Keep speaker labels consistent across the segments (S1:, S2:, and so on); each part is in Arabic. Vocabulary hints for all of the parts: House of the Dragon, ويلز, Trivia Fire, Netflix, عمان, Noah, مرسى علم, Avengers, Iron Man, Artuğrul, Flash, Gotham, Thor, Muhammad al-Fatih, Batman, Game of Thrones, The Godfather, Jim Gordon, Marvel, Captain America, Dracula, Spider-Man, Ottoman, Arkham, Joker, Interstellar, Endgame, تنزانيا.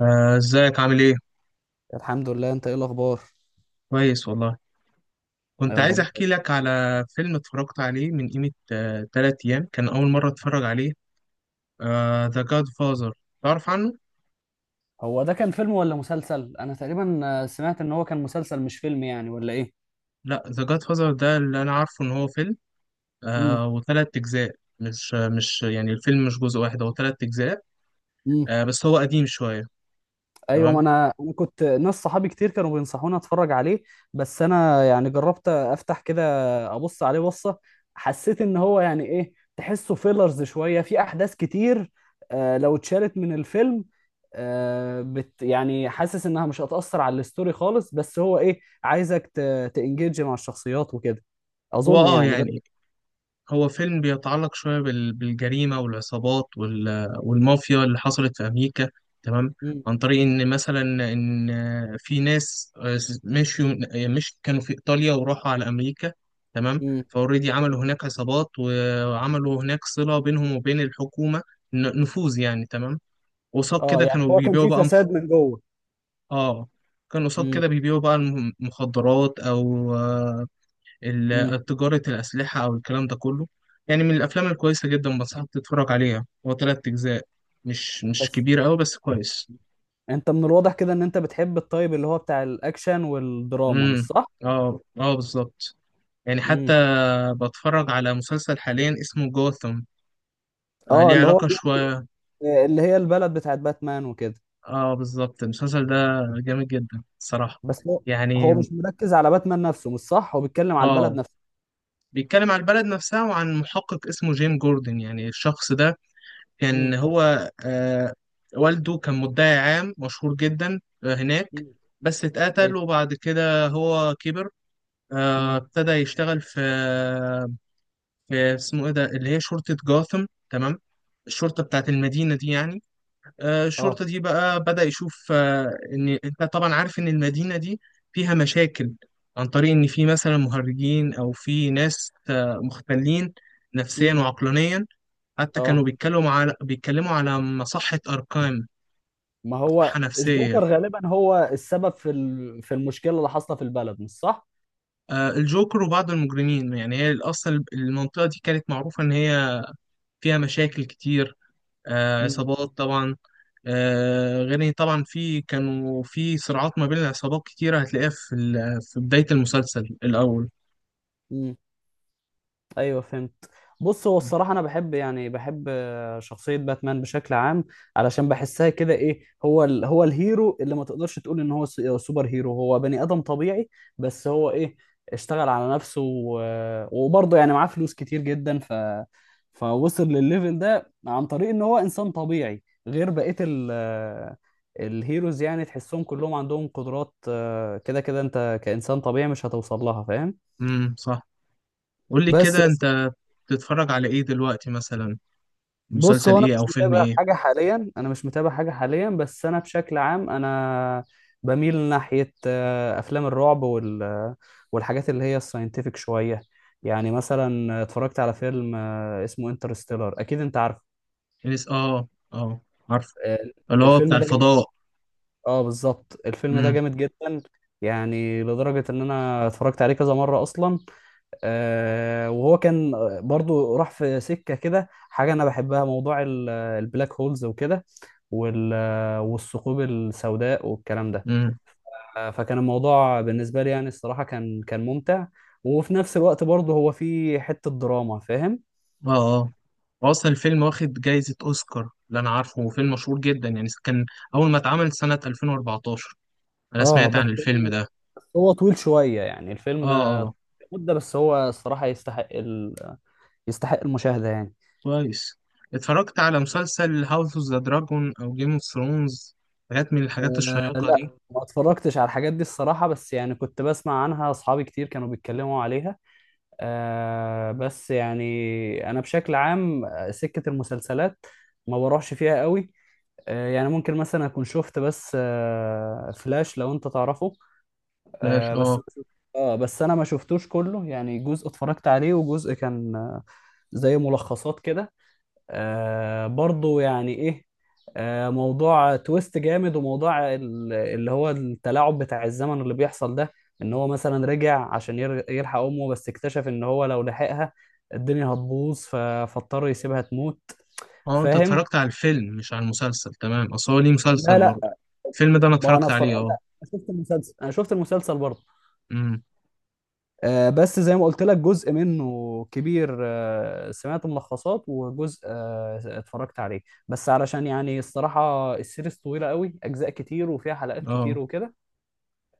S1: ازيك عامل ايه؟
S2: الحمد لله، انت ايه الاخبار؟
S1: كويس والله. كنت
S2: يا
S1: عايز
S2: رب.
S1: احكي لك على فيلم اتفرجت عليه من قيمة 3 ايام، كان اول مرة اتفرج عليه. ذا جاد فازر، تعرف عنه؟
S2: هو ده كان فيلم ولا مسلسل؟ انا تقريبا سمعت ان هو كان مسلسل مش فيلم، يعني، ولا ايه؟
S1: لا، ذا جاد فازر ده اللي انا عارفه ان هو فيلم.
S2: امم
S1: وتلات اجزاء، مش يعني الفيلم مش جزء واحد، هو تلات اجزاء.
S2: امم
S1: بس هو قديم شوية.
S2: ايوه، ما
S1: تمام؟
S2: انا كنت، ناس صحابي كتير كانوا بينصحوني اتفرج عليه. بس انا يعني جربت افتح كده، ابص عليه بصه، حسيت ان هو، يعني، ايه، تحسه فيلرز شويه، في احداث كتير. لو اتشالت من الفيلم، بت، يعني، حاسس انها مش هتأثر على الستوري خالص، بس هو ايه، عايزك تانجيج مع الشخصيات وكده.
S1: هو
S2: اظن يعني ده.
S1: يعني هو فيلم بيتعلق شوية بالجريمة والعصابات والمافيا اللي حصلت في أمريكا. تمام.
S2: مم.
S1: عن طريق إن مثلا إن في ناس مشيوا، مش كانوا في إيطاليا وراحوا على أمريكا. تمام.
S2: مم.
S1: فأوريدي عملوا هناك عصابات وعملوا هناك صلة بينهم وبين الحكومة، نفوذ يعني. تمام. قصاد
S2: اه،
S1: كده
S2: يعني
S1: كانوا
S2: هو كان
S1: بيبيعوا
S2: في
S1: بقى
S2: فساد من جوه.
S1: آه كانوا قصاد
S2: مم.
S1: كده بيبيعوا بقى المخدرات أو
S2: مم.
S1: تجارة الأسلحة أو الكلام ده كله. يعني من الأفلام الكويسة جدا، بنصحك تتفرج عليها. هو تلات أجزاء، مش
S2: بس
S1: كبير أوي بس كويس.
S2: انت من الواضح كده ان انت بتحب الطيب، اللي هو بتاع الاكشن والدراما، مش
S1: امم
S2: صح؟
S1: اه اه، بالظبط. يعني حتى
S2: مم.
S1: بتفرج على مسلسل حاليا اسمه جوثم.
S2: اه،
S1: ليه
S2: اللي هو
S1: علاقة
S2: بي.
S1: شوية.
S2: اللي هي البلد بتاعت باتمان وكده.
S1: اه، بالظبط، المسلسل ده جامد جدا الصراحة.
S2: بس هو
S1: يعني
S2: مش مركز على باتمان نفسه، مش صح؟ هو بيتكلم على البلد
S1: اه
S2: نفسها.
S1: بيتكلم عن البلد نفسها وعن محقق اسمه جيم جوردن. يعني الشخص ده كان
S2: مم.
S1: هو، والده كان مدعي عام مشهور جدا هناك.
S2: مم.
S1: بس اتقتل
S2: ايوه.
S1: وبعد كده هو كبر.
S2: مم.
S1: ابتدى يشتغل في اسمه ايه ده، اللي هي شرطة جاثم. تمام. الشرطة بتاعت المدينة دي يعني. الشرطة
S2: اه.
S1: دي بقى بدأ يشوف إن أنت طبعا عارف إن المدينة دي فيها مشاكل. عن طريق إن في مثلا مهرجين أو في ناس مختلين نفسيا
S2: مم.
S1: وعقلانيا. حتى كانوا
S2: اه.
S1: بيتكلموا على مصحة أركام.
S2: ما
S1: مصحة
S2: هو
S1: نفسية.
S2: الجوكر غالبا هو السبب في في المشكله اللي حاصله في البلد، مش صح؟
S1: الجوكر وبعض المجرمين. يعني هي أصلا المنطقة دي كانت معروفة إن هي فيها مشاكل كتير. عصابات طبعا. غير إن طبعا في كانوا في صراعات ما بين العصابات كتيرة، هتلاقيها في في بداية المسلسل الأول.
S2: مم. ايوه، فهمت. بص، هو الصراحه انا بحب، يعني بحب شخصيه باتمان بشكل عام. علشان بحسها كده، ايه، هو هو الهيرو اللي ما تقدرش تقول ان هو سوبر هيرو، هو بني ادم طبيعي. بس هو ايه، اشتغل على نفسه وبرضه يعني معاه فلوس كتير جدا، فوصل للليفل ده عن طريق ان هو انسان طبيعي غير بقيه ال... آه، الهيروز، يعني تحسهم كلهم عندهم قدرات كده كده، انت كانسان طبيعي مش هتوصل لها. فاهم؟
S1: صح. قول لي
S2: بس
S1: كده أنت بتتفرج على إيه دلوقتي مثلا؟
S2: بص،
S1: مسلسل
S2: هو انا
S1: إيه
S2: مش
S1: أو فيلم
S2: متابع
S1: إيه؟
S2: حاجه حاليا، انا مش متابع حاجه حاليا، بس انا بشكل عام انا بميل ناحيه افلام الرعب، والحاجات اللي هي الساينتفك شويه. يعني مثلا اتفرجت على فيلم اسمه انترستيلر. اكيد انت عارف.
S1: آه آه، عارف.
S2: آه،
S1: اللي هو بتاع
S2: الفيلم ده جامد.
S1: الفضاء.
S2: اه بالظبط، الفيلم ده
S1: امم.
S2: جامد جدا. يعني لدرجه ان انا اتفرجت عليه كذا مره اصلا. وهو كان برضو راح في سكه كده، حاجه انا بحبها، موضوع البلاك هولز وكده، وال والثقوب السوداء والكلام ده.
S1: امم.
S2: فكان الموضوع بالنسبة لي، يعني الصراحة كان ممتع. وفي نفس الوقت برضه هو فيه حتة دراما، فاهم؟
S1: آه آه. هو اصلا الفيلم واخد جايزة اوسكار. اللي انا عارفه هو فيلم مشهور جدا، يعني كان اول ما اتعمل سنة 2014. انا
S2: اه،
S1: سمعت
S2: بس
S1: عن الفيلم
S2: هو،
S1: ده.
S2: بس هو طويل شوية، يعني
S1: اه،
S2: الفيلم،
S1: آه،
S2: مدة، بس هو الصراحة يستحق المشاهدة يعني.
S1: كويس. اتفرجت على مسلسل هاوس اوف ذا دراجون او جيم اوف ثرونز؟ حاجات من الحاجات الشيقة
S2: لا،
S1: دي.
S2: ما اتفرجتش على الحاجات دي الصراحة، بس يعني كنت بسمع عنها، أصحابي كتير كانوا بيتكلموا عليها. بس يعني، انا بشكل عام سكة المسلسلات ما بروحش فيها قوي. يعني ممكن مثلا اكون شفت بس فلاش، لو انت تعرفه.
S1: فلاش،
S2: بس،
S1: اه.
S2: اه بس انا ما شفتوش كله، يعني جزء اتفرجت عليه وجزء كان زي ملخصات كده. برضو، يعني ايه، موضوع تويست جامد، وموضوع اللي هو التلاعب بتاع الزمن اللي بيحصل ده، ان هو مثلا رجع عشان يلحق امه، بس اكتشف ان هو لو لحقها الدنيا هتبوظ، فاضطر يسيبها تموت.
S1: اه، انت
S2: فاهم.
S1: اتفرجت على الفيلم مش على المسلسل. تمام، اصل هو ليه مسلسل
S2: لا،
S1: برضه.
S2: لا،
S1: الفيلم ده انا
S2: ما هو انا
S1: اتفرجت
S2: اتفرج،
S1: عليه. اه.
S2: لا أنا شفت المسلسل، انا شفت المسلسل برضه.
S1: امم.
S2: بس زي ما قلت لك جزء منه كبير، سمعت ملخصات، وجزء اتفرجت عليه. بس علشان يعني الصراحة السيريز طويلة قوي، أجزاء كتير وفيها حلقات
S1: اه،
S2: كتير وكده.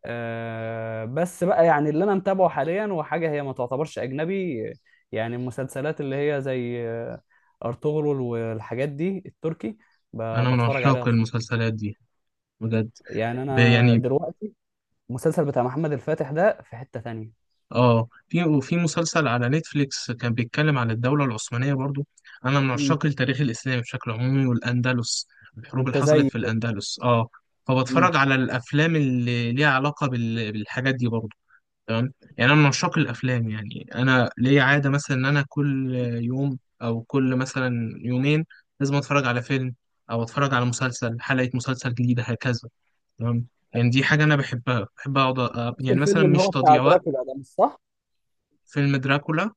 S2: بس بقى يعني اللي أنا متابعه حاليا وحاجة هي ما تعتبرش أجنبي، يعني المسلسلات اللي هي زي أرطغرل والحاجات دي التركي،
S1: انا من
S2: بتفرج عليها.
S1: عشاق المسلسلات دي بجد.
S2: يعني أنا
S1: يعني
S2: دلوقتي المسلسل بتاع محمد الفاتح ده في حتة تانية.
S1: اه، في وفي مسلسل على نتفليكس كان بيتكلم عن الدولة العثمانية برضو. انا من
S2: مم.
S1: عشاق التاريخ الاسلامي بشكل عمومي والاندلس، الحروب اللي
S2: أنت
S1: حصلت
S2: زي
S1: في
S2: كده.
S1: الاندلس، اه.
S2: مم.
S1: فبتفرج على الافلام اللي ليها علاقة بالحاجات دي برضو. تمام. يعني انا من عشاق الافلام. يعني انا ليا عادة مثلا ان انا كل يوم او كل مثلا يومين لازم اتفرج على فيلم او اتفرج على مسلسل، حلقة مسلسل جديدة، هكذا. تمام. يعني دي حاجة انا بحبها، بحب اقعد
S2: شفت
S1: يعني مثلا
S2: الفيلم اللي
S1: مش
S2: هو بتاع
S1: تضييع وقت.
S2: دراكولا ده مش صح؟
S1: فيلم دراكولا؟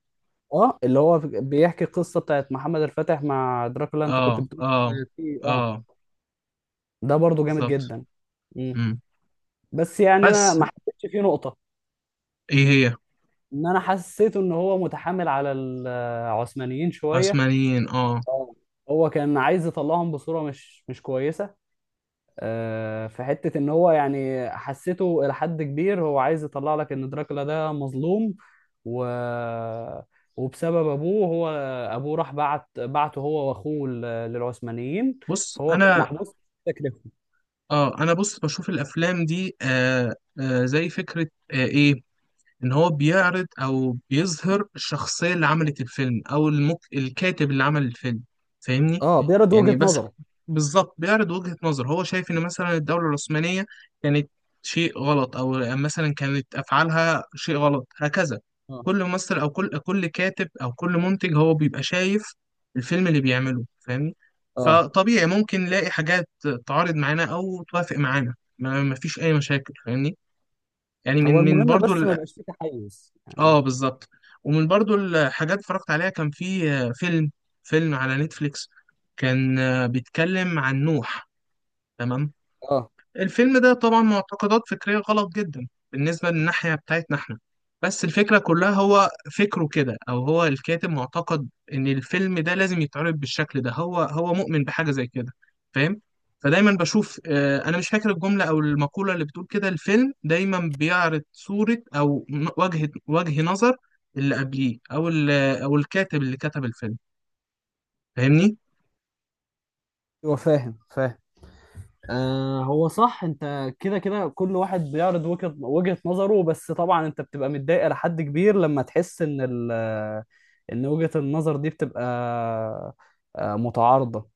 S2: اه اللي هو بيحكي القصه بتاعت محمد الفاتح مع دراكولا، انت كنت
S1: اه
S2: بتقول
S1: اه
S2: إن في، اه.
S1: اه،
S2: ده برضو جامد
S1: بالظبط.
S2: جدا. مم.
S1: امم.
S2: بس يعني انا
S1: بس
S2: ما حسيتش فيه نقطه،
S1: ايه هي؟
S2: ان انا حسيت ان هو متحامل على العثمانيين شويه.
S1: عثمانيين، اه.
S2: اه، هو كان عايز يطلعهم بصوره مش كويسه. في حتة ان هو يعني حسيته الى حد كبير، هو عايز يطلع لك ان دراكولا ده مظلوم، و... وبسبب ابوه، هو ابوه راح بعته هو واخوه للعثمانيين،
S1: بص
S2: فهو كان
S1: انا
S2: محبوس في تكلفه.
S1: اه انا بص بشوف الافلام دي. زي فكره، ايه، ان هو بيعرض او بيظهر الشخصيه اللي عملت الفيلم او الكاتب اللي عمل الفيلم. فاهمني؟
S2: اه، بيرد
S1: يعني
S2: وجهة
S1: بس
S2: نظره.
S1: بالظبط بيعرض وجهه نظر. هو شايف ان مثلا الدوله العثمانيه كانت شيء غلط، او مثلا كانت افعالها شيء غلط هكذا.
S2: اه،
S1: كل ممثل او كل كاتب او كل منتج هو بيبقى شايف الفيلم اللي بيعمله، فاهمني؟
S2: اه.
S1: فطبيعي ممكن نلاقي حاجات تعارض معانا او توافق معانا. ما فيش اي مشاكل، فاهمني؟ يعني
S2: هو
S1: من
S2: المهم
S1: برضو.
S2: بس ما يبقاش فيه تحيز
S1: اه
S2: يعني.
S1: بالظبط. ومن برضو الحاجات اتفرجت عليها، كان في فيلم على نتفليكس، كان بيتكلم عن نوح. تمام.
S2: اه.
S1: الفيلم ده طبعا معتقدات فكرية غلط جدا بالنسبة للناحية بتاعتنا احنا. بس الفكرة كلها هو فكره كده، أو هو الكاتب معتقد إن الفيلم ده لازم يتعرض بالشكل ده. هو مؤمن بحاجة زي كده، فاهم؟ فدايما بشوف، أنا مش فاكر الجملة أو المقولة اللي بتقول كده. الفيلم دايما بيعرض صورة أو وجه نظر اللي قبليه أو أو الكاتب اللي كتب الفيلم، فاهمني؟
S2: هو فاهم، فاهم. هو صح، انت كده كده، كل واحد بيعرض وجهة نظره، بس طبعا انت بتبقى متضايق لحد كبير لما تحس ان وجهة النظر دي بتبقى متعارضة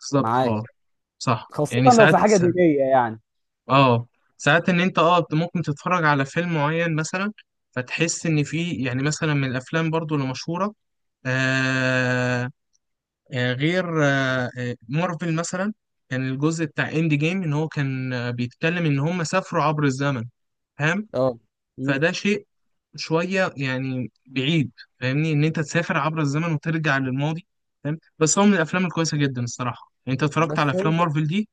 S1: بالظبط، أه.
S2: معاك.
S1: صح،
S2: خاصة
S1: يعني
S2: لو في حاجة دينية يعني.
S1: اه ساعات ان انت ممكن تتفرج على فيلم معين مثلا، فتحس ان في، يعني مثلا من الافلام برضو اللي مشهوره، آه غير مارفل مثلا، كان الجزء بتاع اند جيم ان هو كان بيتكلم ان هم سافروا عبر الزمن، فاهم؟
S2: اه. مم.
S1: فده شيء شويه يعني بعيد، فاهمني؟ ان انت تسافر عبر الزمن وترجع للماضي، فاهم. بس هو من الافلام الكويسه جدا الصراحه. يعني انت اتفرجت
S2: بس
S1: على
S2: هو
S1: افلام
S2: انت،
S1: مارفل دي؟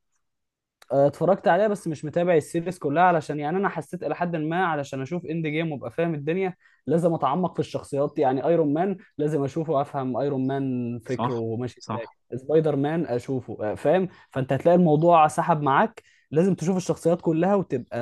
S2: اتفرجت عليها بس مش متابع السيريز كلها، علشان يعني انا حسيت الى حد ما، علشان اشوف اند جيم وابقى فاهم الدنيا، لازم اتعمق في الشخصيات، يعني ايرون مان لازم اشوفه وافهم ايرون مان
S1: صح
S2: فكره ماشي ازاي.
S1: صح
S2: سبايدر مان اشوفه فاهم، فانت هتلاقي الموضوع سحب معاك. لازم تشوف الشخصيات كلها وتبقى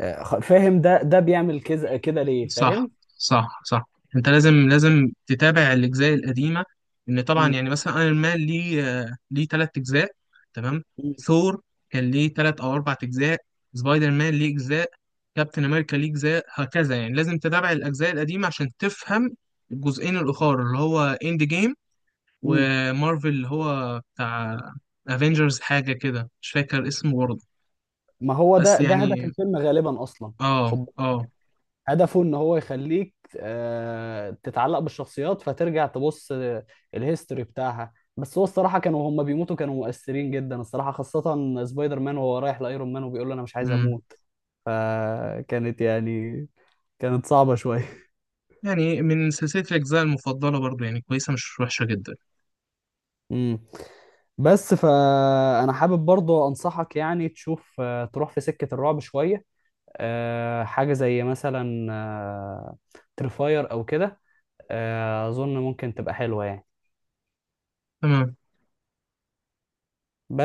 S2: فاهم، ده بيعمل كذا كده ليه،
S1: صح.
S2: فاهم؟
S1: صح. صح. انت لازم تتابع الاجزاء القديمه. ان طبعا
S2: مم.
S1: يعني مثلا ايرون مان ليه ثلاث اجزاء. تمام.
S2: مم.
S1: ثور كان ليه ثلاث او اربع اجزاء. سبايدر مان ليه اجزاء، كابتن امريكا ليه اجزاء، هكذا. يعني لازم تتابع الاجزاء القديمه عشان تفهم الجزئين الاخر اللي هو اند جيم،
S2: مم.
S1: ومارفل اللي هو بتاع افنجرز، حاجه كده مش فاكر اسمه برضه.
S2: ما هو
S1: بس
S2: ده هدف
S1: يعني
S2: الفيلم غالبا اصلا،
S1: اه
S2: خد،
S1: اه.
S2: هدفه ان هو يخليك تتعلق بالشخصيات، فترجع تبص الهيستوري بتاعها. بس هو الصراحه كانوا هم بيموتوا، كانوا مؤثرين جدا الصراحه، خاصه سبايدر مان وهو رايح لايرون مان وبيقول له انا مش عايز اموت. فكانت، يعني، كانت صعبه شويه.
S1: يعني من سلسلة الأجزاء المفضلة برضو، يعني كويسة مش وحشة جدا.
S2: امم بس فانا حابب برضو انصحك، يعني تشوف تروح في سكه الرعب شويه، حاجه زي مثلا تريفاير او كده. اظن ممكن تبقى حلوه يعني.
S1: تمام
S2: بس.